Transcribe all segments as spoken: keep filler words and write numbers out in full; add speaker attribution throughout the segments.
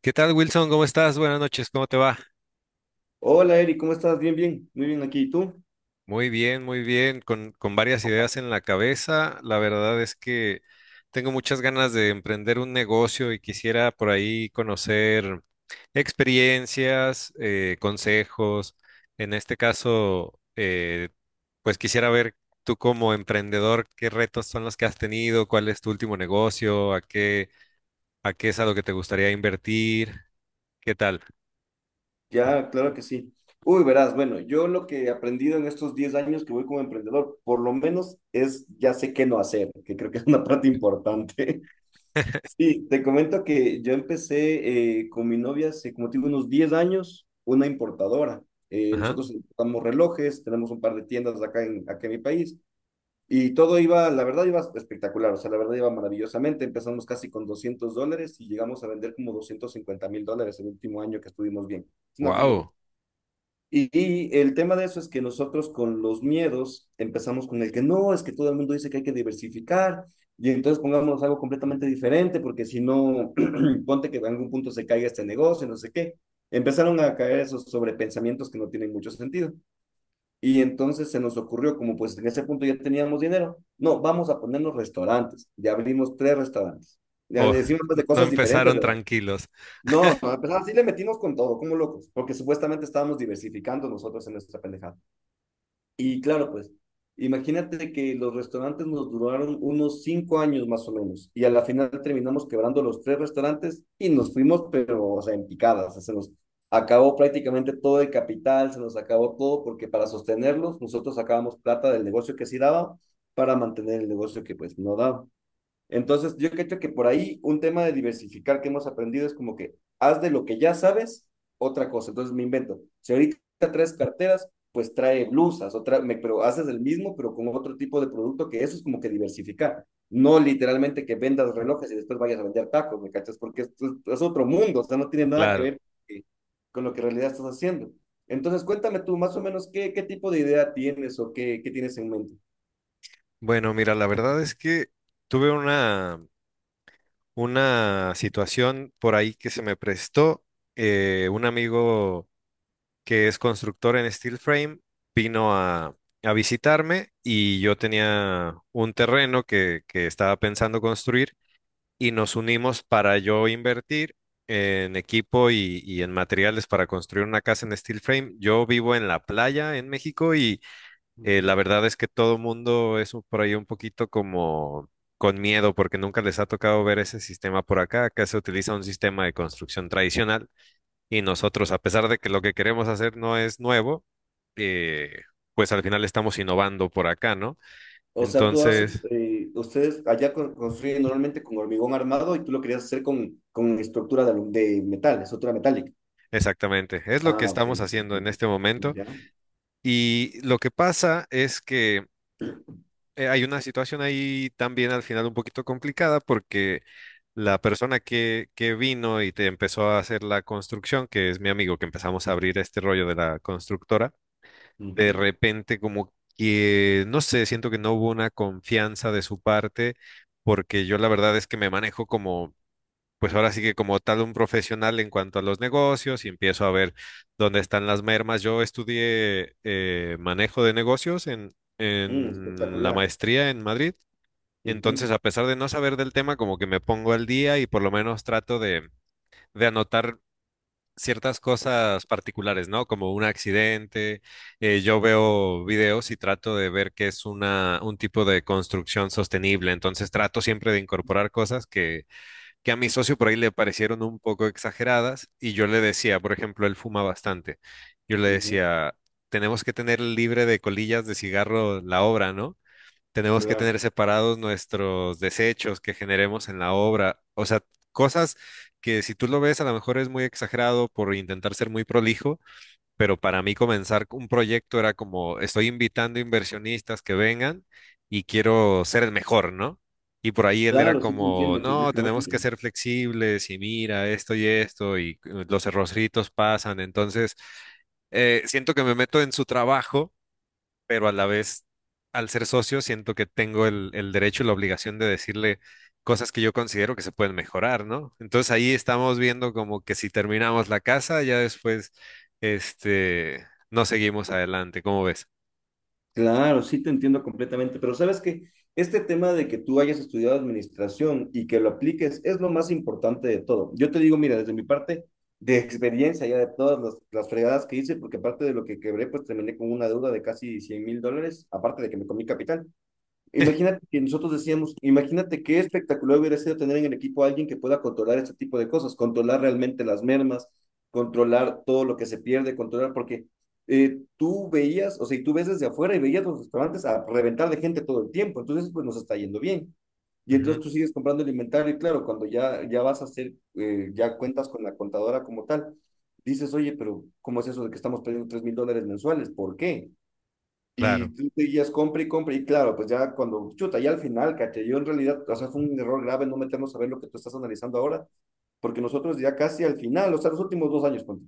Speaker 1: ¿Qué tal, Wilson? ¿Cómo estás? Buenas noches, ¿cómo te va?
Speaker 2: Hola Eri, ¿cómo estás? Bien, bien, muy bien aquí. ¿Y tú?
Speaker 1: Muy bien, muy bien, con, con varias ideas en la cabeza. La verdad es que tengo muchas ganas de emprender un negocio y quisiera por ahí conocer experiencias, eh, consejos. En este caso, eh, pues quisiera ver tú como emprendedor, qué retos son los que has tenido, cuál es tu último negocio, a qué, a qué es a lo que te gustaría invertir, ¿qué tal?
Speaker 2: Ya, claro que sí. Uy, verás, bueno, yo lo que he aprendido en estos diez años que voy como emprendedor, por lo menos es ya sé qué no hacer, que creo que es una parte importante. Sí, te comento que yo empecé eh, con mi novia hace como te digo unos diez años, una importadora. Eh,
Speaker 1: Ajá.
Speaker 2: nosotros importamos relojes, tenemos un par de tiendas acá en, acá en mi país. Y todo iba, la verdad iba espectacular, o sea, la verdad iba maravillosamente. Empezamos casi con doscientos dólares y llegamos a vender como doscientos cincuenta mil dólares el último año que estuvimos bien. Es una full locura.
Speaker 1: Wow.
Speaker 2: Y, y el tema de eso es que nosotros con los miedos empezamos con el que no, es que todo el mundo dice que hay que diversificar y entonces pongámonos algo completamente diferente porque si no, ponte que en algún punto se caiga este negocio, no sé qué. Empezaron a caer esos sobrepensamientos que no tienen mucho sentido. Y entonces se nos ocurrió, como pues en ese punto ya teníamos dinero, no, vamos a ponernos restaurantes. Ya abrimos tres restaurantes. Ya
Speaker 1: Oh,
Speaker 2: decimos pues,
Speaker 1: no,
Speaker 2: de
Speaker 1: no
Speaker 2: cosas diferentes,
Speaker 1: empezaron
Speaker 2: ¿verdad?
Speaker 1: tranquilos,
Speaker 2: No, no, pues así le metimos con todo, como locos, porque supuestamente estábamos diversificando nosotros en nuestra pendejada. Y claro, pues, imagínate que los restaurantes nos duraron unos cinco años más o menos, y a la final terminamos quebrando los tres restaurantes y nos fuimos, pero, o sea, en picadas, o sea, se nos acabó prácticamente todo el capital, se nos acabó todo, porque para sostenerlos nosotros sacábamos plata del negocio que sí daba para mantener el negocio que pues no daba. Entonces, yo creo que por ahí un tema de diversificar que hemos aprendido es como que haz de lo que ya sabes otra cosa. Entonces, me invento. Si ahorita traes carteras, pues trae blusas, otra, me, pero haces el mismo, pero con otro tipo de producto, que eso es como que diversificar. No literalmente que vendas relojes y después vayas a vender tacos, ¿me cachas? Porque esto es, otro mundo, o sea, no tiene nada que
Speaker 1: claro.
Speaker 2: ver con lo que en realidad estás haciendo. Entonces, cuéntame tú más o menos qué, qué tipo de idea tienes o qué, qué tienes en mente.
Speaker 1: Bueno, mira, la verdad es que tuve una, una situación por ahí que se me prestó. Eh, un amigo que es constructor en steel frame vino a, a visitarme y yo tenía un terreno que, que estaba pensando construir y nos unimos para yo invertir en equipo y, y en materiales para construir una casa en steel frame. Yo vivo en la playa en México y eh, la
Speaker 2: Ujú.
Speaker 1: verdad es que todo mundo es un- por ahí un poquito como con miedo porque nunca les ha tocado ver ese sistema por acá. Acá se utiliza un sistema de construcción tradicional y nosotros, a pesar de que lo que queremos hacer no es nuevo, eh, pues al final estamos innovando por acá, ¿no?
Speaker 2: O sea, tú haces,
Speaker 1: Entonces,
Speaker 2: eh, ustedes allá con- construyen normalmente con hormigón armado y tú lo querías hacer con, con estructura de, alu- de metal, estructura metálica.
Speaker 1: exactamente, es lo que
Speaker 2: Ah, ok.
Speaker 1: estamos haciendo en
Speaker 2: Entiendo.
Speaker 1: este momento.
Speaker 2: Ya.
Speaker 1: Y lo que pasa es que eh, hay una situación ahí también al final un poquito complicada porque la persona que, que vino y te empezó a hacer la construcción, que es mi amigo, que empezamos a abrir este rollo de la constructora, de
Speaker 2: Ujú.
Speaker 1: repente como que, no sé, siento que no hubo una confianza de su parte porque yo la verdad es que me manejo como pues ahora sí que como tal un profesional en cuanto a los negocios y empiezo a ver dónde están las mermas. Yo estudié eh, manejo de negocios en,
Speaker 2: Mm,
Speaker 1: en la
Speaker 2: espectacular.
Speaker 1: maestría en Madrid.
Speaker 2: Ujú,
Speaker 1: Entonces, a pesar de no saber del tema, como que me pongo al día y por lo menos trato de, de anotar ciertas cosas particulares, ¿no? Como un accidente. Eh, yo veo videos y trato de ver qué es una, un tipo de construcción sostenible. Entonces, trato siempre de incorporar cosas que que a mi socio por ahí le parecieron un poco exageradas y yo le decía, por ejemplo, él fuma bastante, yo le
Speaker 2: ujú.
Speaker 1: decía, tenemos que tener libre de colillas de cigarro la obra, ¿no? Tenemos que
Speaker 2: Claro.
Speaker 1: tener separados nuestros desechos que generemos en la obra, o sea, cosas que si tú lo ves a lo mejor es muy exagerado por intentar ser muy prolijo, pero para mí comenzar un proyecto era como, estoy invitando inversionistas que vengan y quiero ser el mejor, ¿no? Y por ahí él era
Speaker 2: Claro, sí te
Speaker 1: como,
Speaker 2: entiendo
Speaker 1: no, tenemos que
Speaker 2: completamente.
Speaker 1: ser flexibles y mira esto y esto y eh, los errorcitos pasan. Entonces, eh, siento que me meto en su trabajo pero a la vez, al ser socio, siento que tengo el, el derecho y la obligación de decirle cosas que yo considero que se pueden mejorar, ¿no? Entonces ahí estamos viendo como que si terminamos la casa, ya después, este, no seguimos adelante, ¿cómo ves?
Speaker 2: Claro, sí te entiendo completamente, pero sabes que este tema de que tú hayas estudiado administración y que lo apliques es lo más importante de todo. Yo te digo, mira, desde mi parte de experiencia, ya de todas las, las fregadas que hice, porque aparte de lo que quebré, pues terminé con una deuda de casi cien mil dólares, aparte de que me comí capital. Imagínate que nosotros decíamos, imagínate qué espectacular hubiera sido tener en el equipo a alguien que pueda controlar este tipo de cosas, controlar realmente las mermas, controlar todo lo que se pierde, controlar, porque eh, tú veías, o sea, y tú ves desde afuera y veías los restaurantes a reventar de gente todo el tiempo, entonces pues nos está yendo bien. Y entonces
Speaker 1: Ujú,
Speaker 2: tú sigues comprando el inventario y claro, cuando ya, ya vas a hacer, eh, ya cuentas con la contadora como tal, dices, oye, pero ¿cómo es eso de que estamos perdiendo tres mil dólares mensuales? ¿Por qué?
Speaker 1: claro.
Speaker 2: Y tú seguías compra y compra, y claro, pues ya cuando, chuta, ya al final, caché, yo en realidad, o sea, fue un error grave no meternos a ver lo que tú estás analizando ahora, porque nosotros ya casi al final, o sea, los últimos dos años, ponte,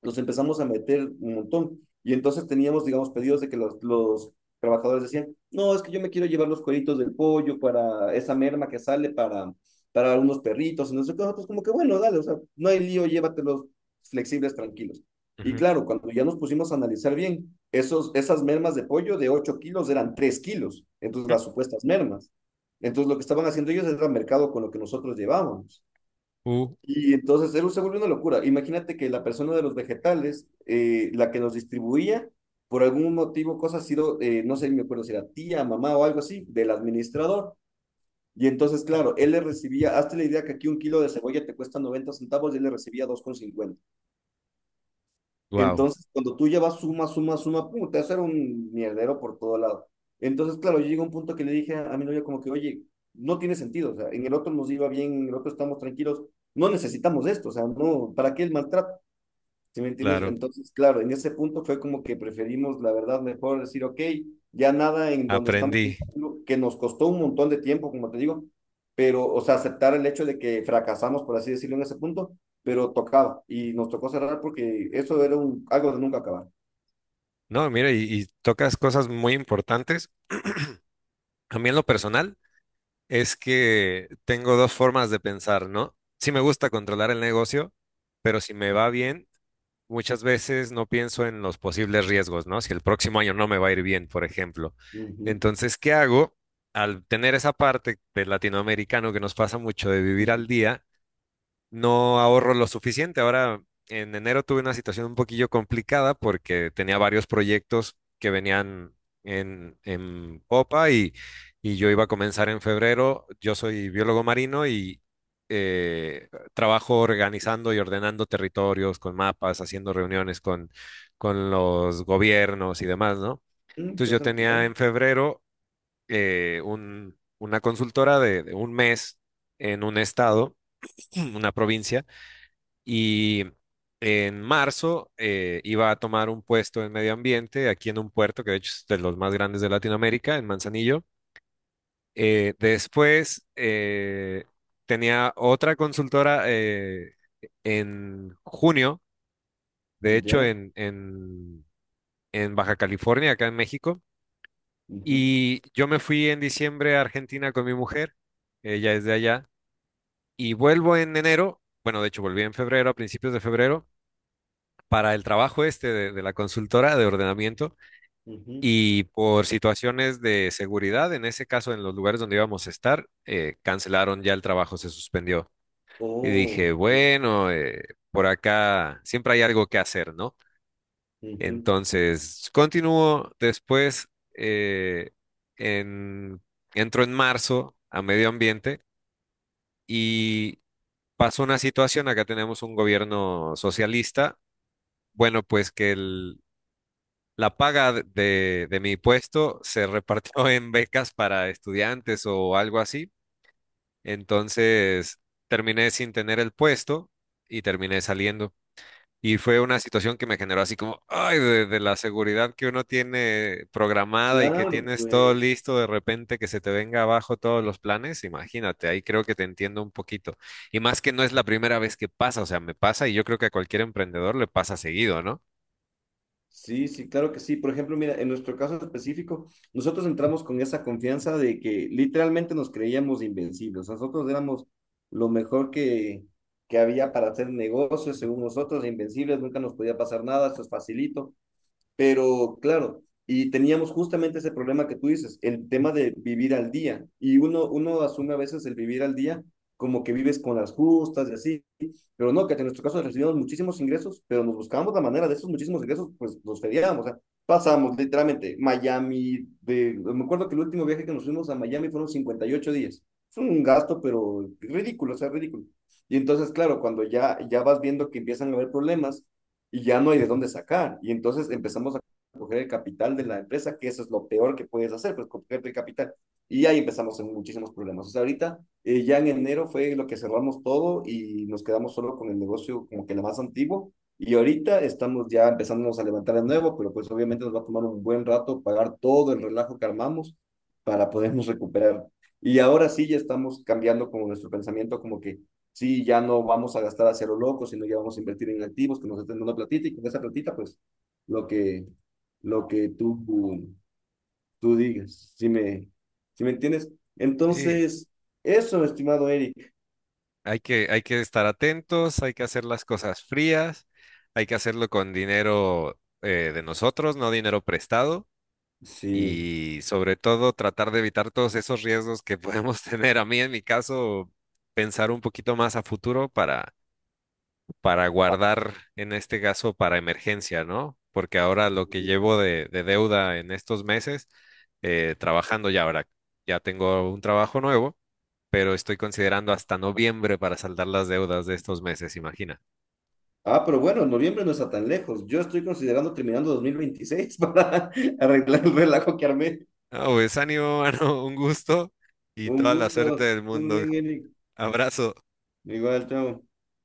Speaker 2: los empezamos a meter un montón. Y entonces teníamos, digamos, pedidos de que los, los trabajadores decían, no, es que yo me quiero llevar los cueritos del pollo para esa merma que sale para, para unos perritos, y no sé qué, nosotros como que, bueno, dale, o sea, no hay lío, llévatelos flexibles, tranquilos. Y
Speaker 1: ujú.
Speaker 2: claro, cuando ya nos pusimos a analizar bien, esos, esas mermas de pollo de ocho kilos eran tres kilos, entonces las supuestas mermas. Entonces lo que estaban haciendo ellos era mercado con lo que nosotros llevábamos.
Speaker 1: Uh,
Speaker 2: Y entonces él se volvió una locura. Imagínate que la persona de los vegetales, eh, la que nos distribuía, por algún motivo, cosa ha sido, eh, no sé, me acuerdo si era tía, mamá o algo así, del administrador. Y entonces, claro, él le recibía, hazte la idea que aquí un kilo de cebolla te cuesta noventa centavos y él le recibía dos con cincuenta.
Speaker 1: wow,
Speaker 2: Entonces, cuando tú ya vas suma, suma, suma, pum, te vas a hacer un mierdero por todo lado. Entonces, claro, yo llegué a un punto que le dije a, mi novia como que, oye, no tiene sentido, o sea, en el otro nos iba bien, en el otro estamos tranquilos, no necesitamos esto, o sea, no, ¿para qué el maltrato? ¿Sí me entiendes?
Speaker 1: claro,
Speaker 2: Entonces, claro, en ese punto fue como que preferimos, la verdad, mejor decir, ok, ya nada en donde estamos,
Speaker 1: aprendí.
Speaker 2: que nos costó un montón de tiempo, como te digo, pero, o sea, aceptar el hecho de que fracasamos, por así decirlo, en ese punto, pero tocaba y nos tocó cerrar porque eso era un, algo de nunca acabar.
Speaker 1: No, mira, y, y tocas cosas muy importantes. A mí en lo personal es que tengo dos formas de pensar, ¿no? Sí me gusta controlar el negocio, pero si me va bien, muchas veces no pienso en los posibles riesgos, ¿no? Si el próximo año no me va a ir bien, por ejemplo.
Speaker 2: Ujú,
Speaker 1: Entonces, ¿qué hago? Al tener esa parte del latinoamericano que nos pasa mucho de vivir
Speaker 2: ujú.
Speaker 1: al día, no ahorro lo suficiente. Ahora, en enero tuve una situación un poquillo complicada porque tenía varios proyectos que venían en, en popa y, y yo iba a comenzar en febrero. Yo soy biólogo marino y eh, trabajo organizando y ordenando territorios con mapas, haciendo reuniones con, con los gobiernos y demás, ¿no?
Speaker 2: Mm,
Speaker 1: Entonces yo
Speaker 2: interesante,
Speaker 1: tenía
Speaker 2: ya.
Speaker 1: en febrero eh, un- una consultora de de un mes en un estado, una provincia, y en marzo eh, iba a tomar un puesto en medio ambiente aquí en un puerto que de hecho es de los más grandes de Latinoamérica, en Manzanillo. Eh, después eh, tenía otra consultora eh, en junio, de hecho
Speaker 2: Ya.
Speaker 1: en, en, en Baja California, acá en México.
Speaker 2: Ujú,
Speaker 1: Y yo me fui en diciembre a Argentina con mi mujer, ella es de allá, y vuelvo en enero, bueno, de hecho volví en febrero, a principios de febrero para el trabajo este de, de la consultora de ordenamiento
Speaker 2: ujú.
Speaker 1: y por situaciones de seguridad, en ese caso en los lugares donde íbamos a estar, eh, cancelaron ya el trabajo, se suspendió. Y dije,
Speaker 2: Oh, ya.
Speaker 1: bueno, eh, por acá siempre hay algo que hacer, ¿no?
Speaker 2: Ujú.
Speaker 1: Entonces, continúo después, eh, en, entro en marzo a medio ambiente y pasó una situación, acá tenemos un gobierno socialista, bueno, pues que el, la paga de, de- mi puesto se repartió en becas para estudiantes o algo así. Entonces terminé sin tener el puesto y terminé saliendo. Y fue una situación que me generó así como, ay, de, de la seguridad que uno tiene programada y que
Speaker 2: Claro,
Speaker 1: tienes todo
Speaker 2: pues.
Speaker 1: listo, de repente que se te venga abajo todos los planes, imagínate, ahí creo que te entiendo un poquito. Y más que no es la primera vez que pasa, o sea, me pasa y yo creo que a cualquier emprendedor le pasa seguido, ¿no?
Speaker 2: Sí, sí, claro que sí. Por ejemplo, mira, en nuestro caso específico, nosotros entramos con esa confianza de que literalmente nos creíamos invencibles. Nosotros éramos lo mejor que, que había para hacer negocios, según nosotros, invencibles, nunca nos podía pasar nada, eso es facilito. Pero claro, y teníamos justamente ese problema que tú dices, el tema de vivir al día. Y uno, uno asume a veces el vivir al día como que vives con las justas y así, pero no, que en nuestro caso recibimos muchísimos ingresos, pero nos buscábamos la manera de esos muchísimos ingresos, pues los feriábamos, o sea, pasamos literalmente Miami, de, me acuerdo que el último viaje que nos fuimos a Miami fueron cincuenta y ocho días. Es un gasto, pero ridículo, o sea, ridículo. Y entonces, claro, cuando ya, ya vas viendo que empiezan a haber problemas, y ya no hay de dónde sacar. Y entonces empezamos a coger el capital de la empresa, que eso es lo peor que puedes hacer, pues coger el capital. Y ahí empezamos en muchísimos problemas. O sea, ahorita eh, ya en enero fue lo que cerramos todo y nos quedamos solo con el negocio como que la más antiguo. Y ahorita estamos ya empezándonos a levantar de nuevo, pero pues obviamente nos va a tomar un buen rato pagar todo el relajo que armamos para podernos recuperar. Y ahora sí ya estamos cambiando como nuestro pensamiento, como que sí, ya no vamos a gastar a cero loco, sino ya vamos a invertir en activos que nos estén dando platita y con esa platita, pues, lo que, lo que tú, tú digas, si me, si me entiendes.
Speaker 1: Sí,
Speaker 2: Entonces, eso, estimado Eric.
Speaker 1: Hay que, hay que estar atentos, hay que hacer las cosas frías, hay que hacerlo con dinero eh, de nosotros, no dinero prestado,
Speaker 2: Sí.
Speaker 1: y sobre todo tratar de evitar todos esos riesgos que podemos tener. A mí, en mi caso, pensar un poquito más a futuro para, para guardar, en este caso, para emergencia, ¿no? Porque ahora lo que llevo de, de deuda en estos meses, eh, trabajando ya ahora, ya tengo un trabajo nuevo pero estoy considerando hasta noviembre para saldar las deudas de estos meses, imagina.
Speaker 2: Ah, pero bueno, noviembre no está tan lejos. Yo estoy considerando terminando dos mil veintiséis para arreglar el relajo que armé.
Speaker 1: Ah, pues ánimo, mano, un gusto y
Speaker 2: Un
Speaker 1: toda la suerte
Speaker 2: gusto.
Speaker 1: del
Speaker 2: Estás muy
Speaker 1: mundo.
Speaker 2: bien, Eric.
Speaker 1: Abrazo.
Speaker 2: Igual, chao.